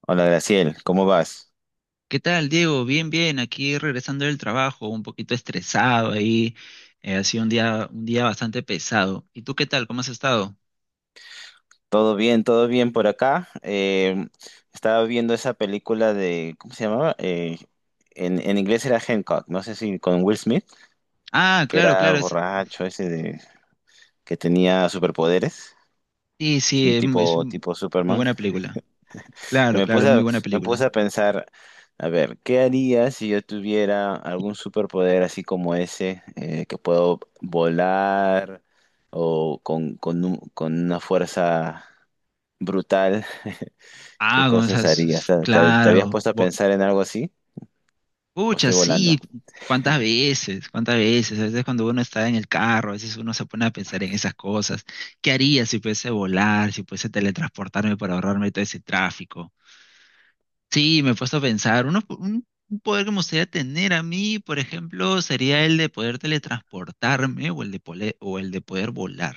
Hola Graciel, ¿cómo vas? ¿Qué tal, Diego? Bien, bien, aquí regresando del trabajo, un poquito estresado ahí, ha sido un día bastante pesado. ¿Y tú qué tal? ¿Cómo has estado? Todo bien por acá. Estaba viendo esa película de, ¿cómo se llamaba? En inglés era Hancock, no sé si con Will Smith, Ah, que claro, era claro, borracho ese de, que tenía superpoderes, sí, sí, un es, mu- es tipo, un- tipo muy Superman. buena película. Y Claro, me claro, puse es muy a, buena Me puse película. a pensar, a ver, ¿qué haría si yo tuviera algún superpoder así como ese, que puedo volar o con una fuerza brutal? ¿Qué Ah, con cosas esas, harías? ¿Te habías claro, puesto a pensar en algo así? ¿O pucha, estoy sí, volando? Cuántas veces, a veces cuando uno está en el carro, a veces uno se pone a pensar en esas cosas. ¿Qué haría si pudiese volar, si pudiese teletransportarme para ahorrarme todo ese tráfico? Sí, me he puesto a pensar, un poder que me gustaría tener a mí, por ejemplo, sería el de poder teletransportarme o el de poder volar.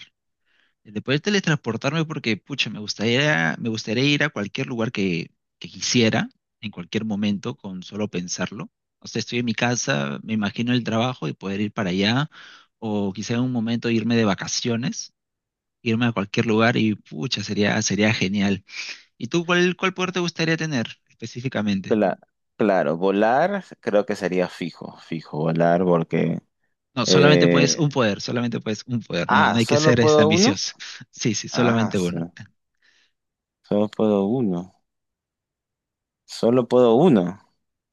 El de poder teletransportarme porque, pucha, me gustaría ir a cualquier lugar que quisiera, en cualquier momento, con solo pensarlo. O sea, estoy en mi casa, me imagino el trabajo y poder ir para allá, o quizá en un momento irme de vacaciones, irme a cualquier lugar y, pucha, sería genial. ¿Y tú cuál poder te gustaría tener específicamente? Cla- claro, volar creo que sería fijo, fijo, volar porque... No, solamente puedes eh, un poder, solamente puedes un poder, no, no hay que ¿solo ser puedo uno? ambicioso. Sí, sí, Ah, solamente uno. so- Solo puedo uno. Solo puedo uno.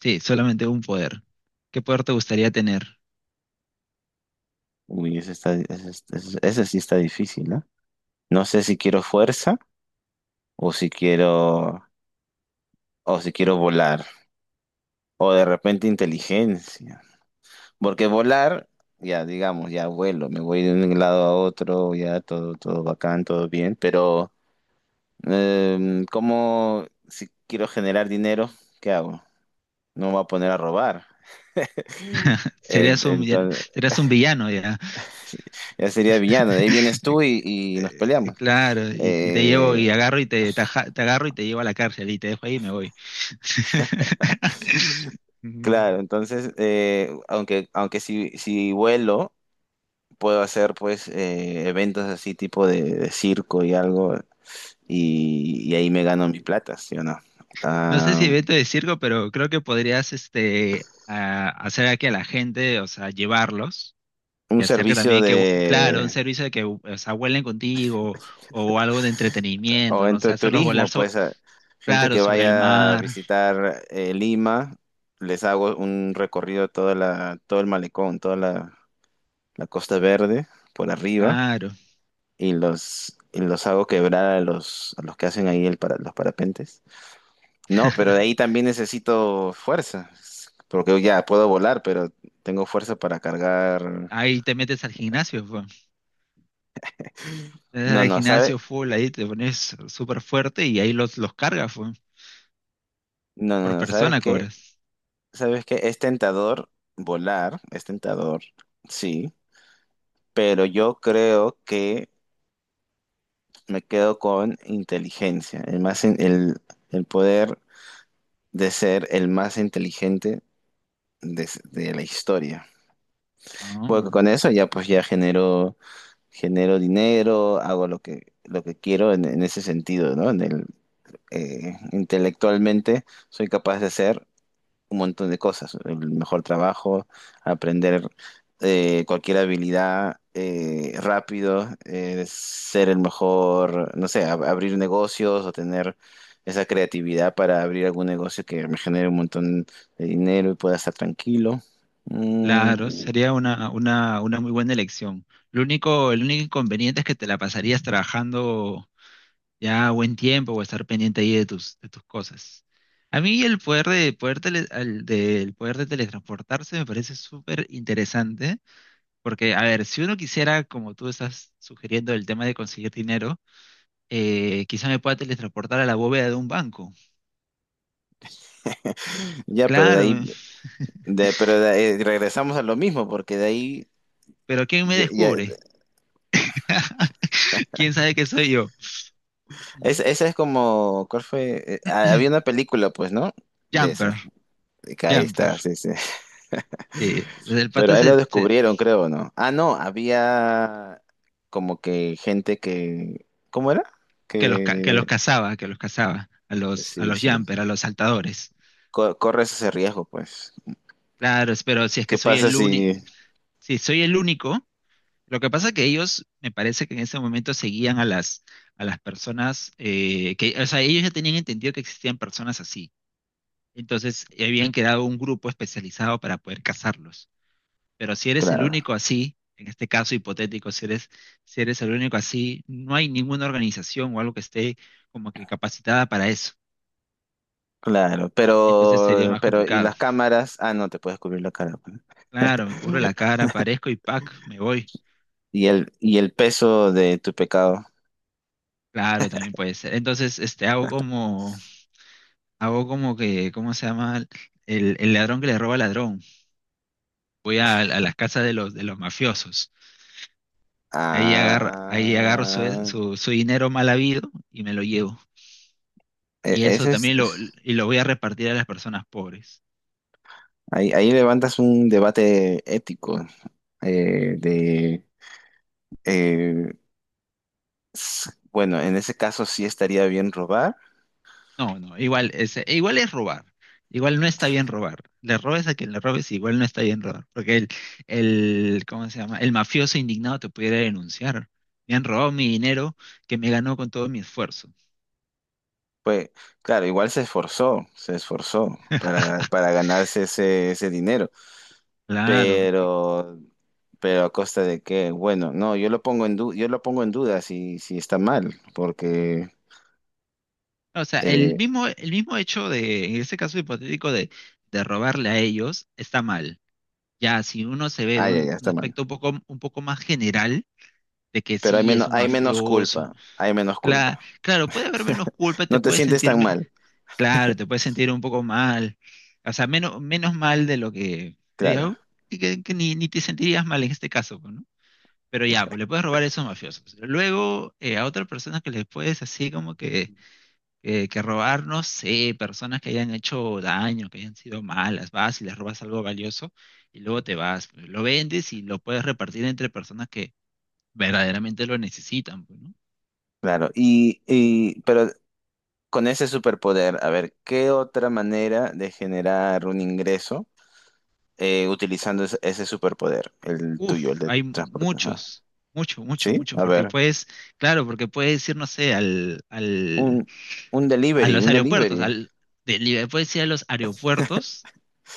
Sí, solamente un poder. ¿Qué poder te gustaría tener? Uy, ese, está, ese sí está difícil, ¿no? No sé si quiero fuerza o si quiero, o si quiero volar. O de repente inteligencia. Porque volar, ya digamos, ya vuelo, me voy de un lado a otro, ya todo, todo bacán, todo bien, pero ¿cómo si quiero generar dinero, qué hago? No me voy a poner a robar. Serías un, villano- Entonces, serías un villano ya. ya sería villano, de ahí vienes tú y nos Eh, peleamos. Claro, y te llevo Eh, y agarro y te agarro y te llevo a la cárcel y te dejo ahí y me voy. Mm. claro, entonces, aunque, aunque si, si vuelo, puedo hacer pues eventos así tipo de circo y algo, y ahí me gano mi plata, ¿sí o no? No sé si Ah, evento de circo, pero creo que podrías hacer aquí a la gente, o sea, llevarlos. Y un hacer que servicio también claro, un de servicio de que, o sea, vuelen contigo o algo de entretenimiento, o ¿no? O entre sea, hacerlos volar, turismo, pues gente claro, que sobre el vaya a mar, visitar Lima, les hago un recorrido de toda la, todo el malecón, toda la, la Costa Verde por arriba claro. Y los hago quebrar a los que hacen ahí el para, los parapentes. No, pero de ahí también necesito fuerza, porque ya puedo volar, pero tengo fuerza para cargar. Ahí te metes al gimnasio, fue. Te metes No, al no, ¿sabes? gimnasio full, ahí te pones súper fuerte y ahí los cargas, fue. No, no, Por no, ¿sabes persona qué? cobras. Sabes que es tentador volar, es tentador, sí, pero yo creo que me quedo con inteligencia, el más el poder de ser el más inteligente de, de la historia. Ah, Porque con eso ya pues ya genero, genero dinero, hago lo que quiero en ese sentido, ¿no? En el, intelectualmente soy capaz de hacer un montón de cosas, el mejor trabajo, aprender cualquier habilidad rápido, ser el mejor, no sé, abrir negocios o tener esa creatividad para abrir algún negocio que me genere un montón de dinero y pueda estar tranquilo. claro, Mm, sería una muy buena elección. Lo único, el único inconveniente es que te la pasarías trabajando ya buen tiempo o estar pendiente ahí de tus cosas. A mí el poder de, poder tele- al- del poder de teletransportarse me parece súper interesante, porque, a ver, si uno quisiera, como tú estás sugiriendo, el tema de conseguir dinero, quizá me pueda teletransportar a la bóveda de un banco. ya, pero de Claro, ahí, de- pero de- regresamos a lo mismo, porque de ahí... pero ¿quién me ya- ya- descubre? ¿Quién sabe que soy yo? ¿Mm? esa es como, ¿cuál fue? Había una película, pues, ¿no? De esa. Jumper, Acá ahí Jumper. está, sí, sí. Sí, el Pero pata ahí lo descubrieron, creo, ¿no? Ah, no, había como que gente que... ¿Cómo era? Que... que los cazaba, a los, a Sí, los sí, sí. Jumper, a los saltadores. Corres ese riesgo, pues. Claro, pero si es que ¿Qué soy pasa el único, si... si soy el único, lo que pasa es que ellos, me parece que en ese momento seguían a las personas, que, o sea, ellos ya tenían entendido que existían personas así. Entonces, habían creado un grupo especializado para poder cazarlos. Pero si eres el Claro, único así, en este caso hipotético, si eres el único así, no hay ninguna organización o algo que esté como que capacitada para eso. claro. Entonces sería más Pero, ¿y complicado. las cámaras? Ah, no, te puedes cubrir la cara, pues. Claro, me cubro la cara, aparezco y pac, me voy. Y el peso de tu pecado? Claro, también puede ser. Entonces, hago como que, ¿cómo se llama? El ladrón que le roba al ladrón. Voy a las casas de los mafiosos. Ahí agarro su, Ah... su, su dinero mal habido y me lo llevo. e- Y eso Ese es, también lo, es- y lo voy a repartir a las personas pobres. ahí, ahí levantas un debate ético de... eh, bueno, en ese caso sí estaría bien robar. No, no, igual es robar. Igual no está bien robar. Le robes a quien le robes, igual no está bien robar. Porque el, ¿cómo se llama? El mafioso indignado te pudiera denunciar. Me han robado mi dinero que me ganó con todo mi esfuerzo. Pues claro, igual se esforzó para ganarse ese, ese dinero, Claro. pero, pero a costa de que, bueno, no, yo lo pongo en yo lo pongo en duda si, si está mal, porque, O sea, el eh, mismo, el mismo hecho de, en este caso hipotético de robarle a ellos, está mal. Ya, si uno se ve de ya, un, ya un está mal. aspecto un poco más general, de que Pero sí es un hay menos mafioso, culpa, hay menos Cla- culpa. claro, puede haber menos culpa, te No te puedes sientes tan sentirme, mal, claro, te puedes sentir un poco mal, o sea, menos, menos mal de lo que, claro, au- que ni, ni te sentirías mal en este caso, pues, ¿no? Pero ya, pues le puedes robar a esos mafiosos. Luego, a otras personas que les puedes así como que robar, no sé, personas que hayan hecho daño, que hayan sido malas, vas y les robas algo valioso y luego te vas, pues, lo vendes y lo puedes repartir entre personas que verdaderamente lo necesitan, pues, ¿no? claro. Y, pero con ese superpoder, a ver, ¿qué otra manera de generar un ingreso? Utilizando ese superpoder, el tuyo, el Uf, de hay transporte. Ajá. Mucho, mucho, ¿Sí? mucho, A porque ver, puedes, claro, porque puedes ir, no sé, un, a los un aeropuertos, delivery. Puedes ir a los aeropuertos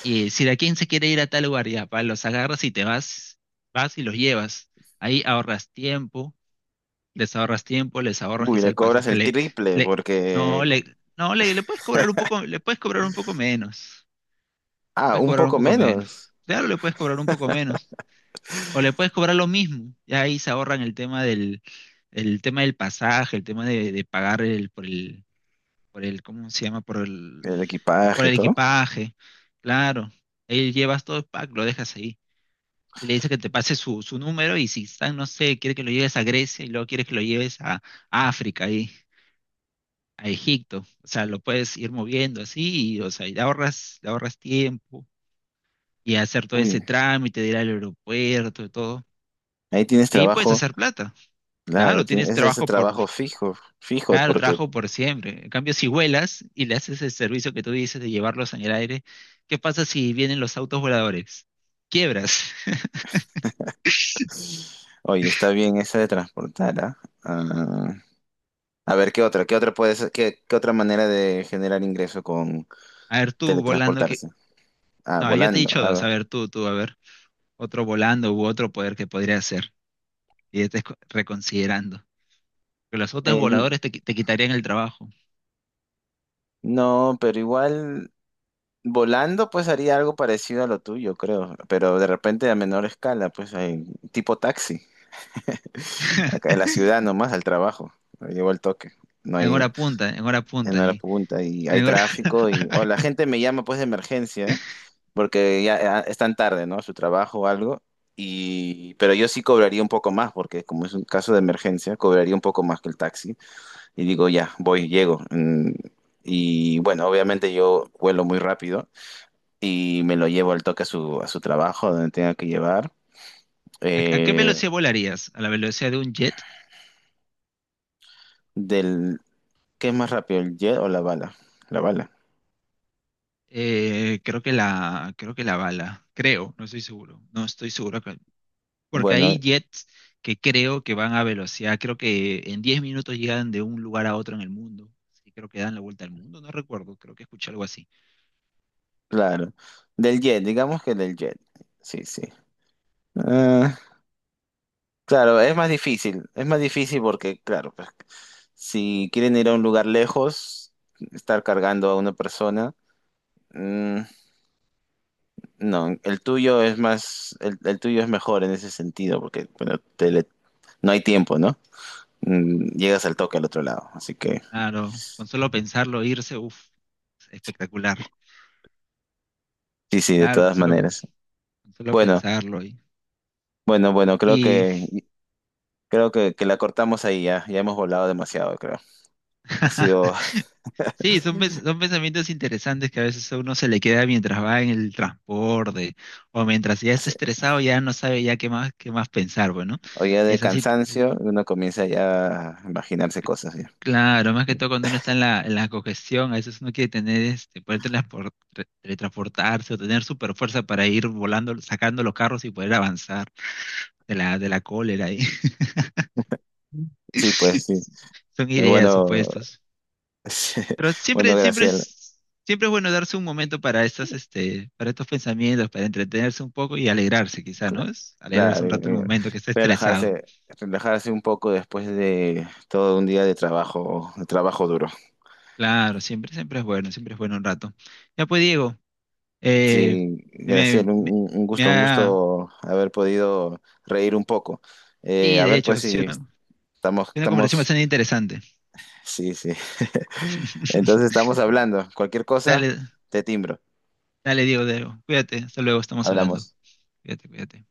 y decir a quién se quiere ir a tal lugar, ya, pa, los agarras y te vas, vas y los llevas. Ahí ahorras tiempo, les ahorras tiempo, les ahorras Uy, quizá le el cobras pasaje, el le, triple le, no, porque... le, no, le puedes cobrar un poco, le puedes cobrar un poco menos, Ah, puedes un cobrar un poco poco menos. menos, Claro, le puedes cobrar un poco menos. O le puedes cobrar lo mismo. Y ahí se ahorran el tema del pasaje, el tema de pagar ¿cómo se llama? Por el, el por equipaje y el todo. equipaje. Claro. Ahí llevas todo el pack, lo dejas ahí. Y le dices que te pase su número y si están, no sé, quiere que lo lleves a Grecia y luego quieres que lo lleves a África ahí, a Egipto. O sea, lo puedes ir moviendo así, y, o sea, y le ahorras tiempo y hacer todo Uy, ese trámite de ir al aeropuerto y todo. ahí tienes Y ahí puedes trabajo, hacer plata. claro, Claro, tienes ese, ese trabajo fijo, fijo, claro, porque, trabajo por siempre. En cambio, si vuelas y le haces el servicio que tú dices de llevarlos en el aire, ¿qué pasa si vienen los autos voladores? Quiebras. oye, está bien esa de transportar, ¿ah? Ah, a ver, ¿qué otra? ¿Qué otra puede ser? ¿Qué otra manera de generar ingreso con A ver, tú volando que... teletransportarse? Ah, No, yo te he volando. dicho Ah, dos. A va. ver, tú, a ver. Otro volando u otro poder que podría hacer. Y ya estés reconsiderando. Que los autos En- voladores te quitarían el trabajo. No, pero igual volando pues haría algo parecido a lo tuyo, creo, pero de repente a menor escala, pues hay tipo taxi, acá en la ciudad nomás al trabajo, llevo el toque, no En hay hora punta, en hora en punta. la Sí. punta y hay En hora- tráfico y o la gente me llama pues de emergencia porque ya ya están tarde, ¿no? A su trabajo o algo y pero yo sí cobraría un poco más porque como es un caso de emergencia, cobraría un poco más que el taxi y digo, ya, voy, llego. Mm, y bueno, obviamente yo vuelo muy rápido y me lo llevo al toque a su trabajo, donde tenga que llevar. ¿A qué Eh, velocidad volarías? ¿A la velocidad de un jet? del, ¿Qué es más rápido, el jet o la bala? La bala. Creo que la bala, creo, no estoy seguro, no estoy seguro, porque Bueno, hay jets que creo que van a velocidad, creo que en 10 minutos llegan de un lugar a otro en el mundo, sí, creo que dan la vuelta al mundo, no recuerdo, creo que escuché algo así. claro. Del jet, digamos que del jet. Sí, sí. Ah, claro, es más difícil. Es más difícil porque, claro, pues, si quieren ir a un lugar lejos, estar cargando a una persona. mm, no, el tuyo es más, el tuyo es mejor en ese sentido, porque bueno, no hay tiempo, no mm, llegas al toque al otro lado. Así que Claro, con solo pensarlo, irse, uff, espectacular, sí, sí, de claro, con todas solo, maneras. con solo Bueno, pensarlo y, bueno, bueno, y creo que la cortamos ahí ya. Ya hemos volado demasiado, creo. Ha sido Sí, son pensamientos interesantes que a veces a uno se le queda mientras va en el transporte o mientras ya está estresado, ya no sabe ya qué más pensar, bueno. o ya de Es así, es así. cansancio, uno comienza ya a imaginarse cosas ya. Claro, más que todo cuando uno está en la congestión, a veces uno quiere tener, poder teletransportarse o tener super fuerza para ir volando, sacando los carros y poder avanzar de la cólera ahí. Sí, pues sí. Son ideas, bueno, supuestos. Pero bueno, siempre, siempre Graciela, es, siempre es bueno darse un momento para para estos pensamientos, para entretenerse un poco y alegrarse, quizá, cla- ¿no? Es alegrarse claro, un rato el momento que está estresado. relajarse, relajarse un poco después de todo un día de trabajo duro. Claro, siempre es bueno, siempre es bueno un rato. Ya pues, Diego, eh, Sí, me, Graciela, me, un, me un ha, gusto haber podido reír un poco. Sí, A de ver, hecho, pues sí, si una, estamos, una conversación estamos, bastante interesante. sí, sí. Entonces estamos hablando. Cualquier cosa, Dale, te timbro. dale, Diego, Diego, cuídate, hasta luego, estamos hablando. Hablamos. Cuídate, cuídate.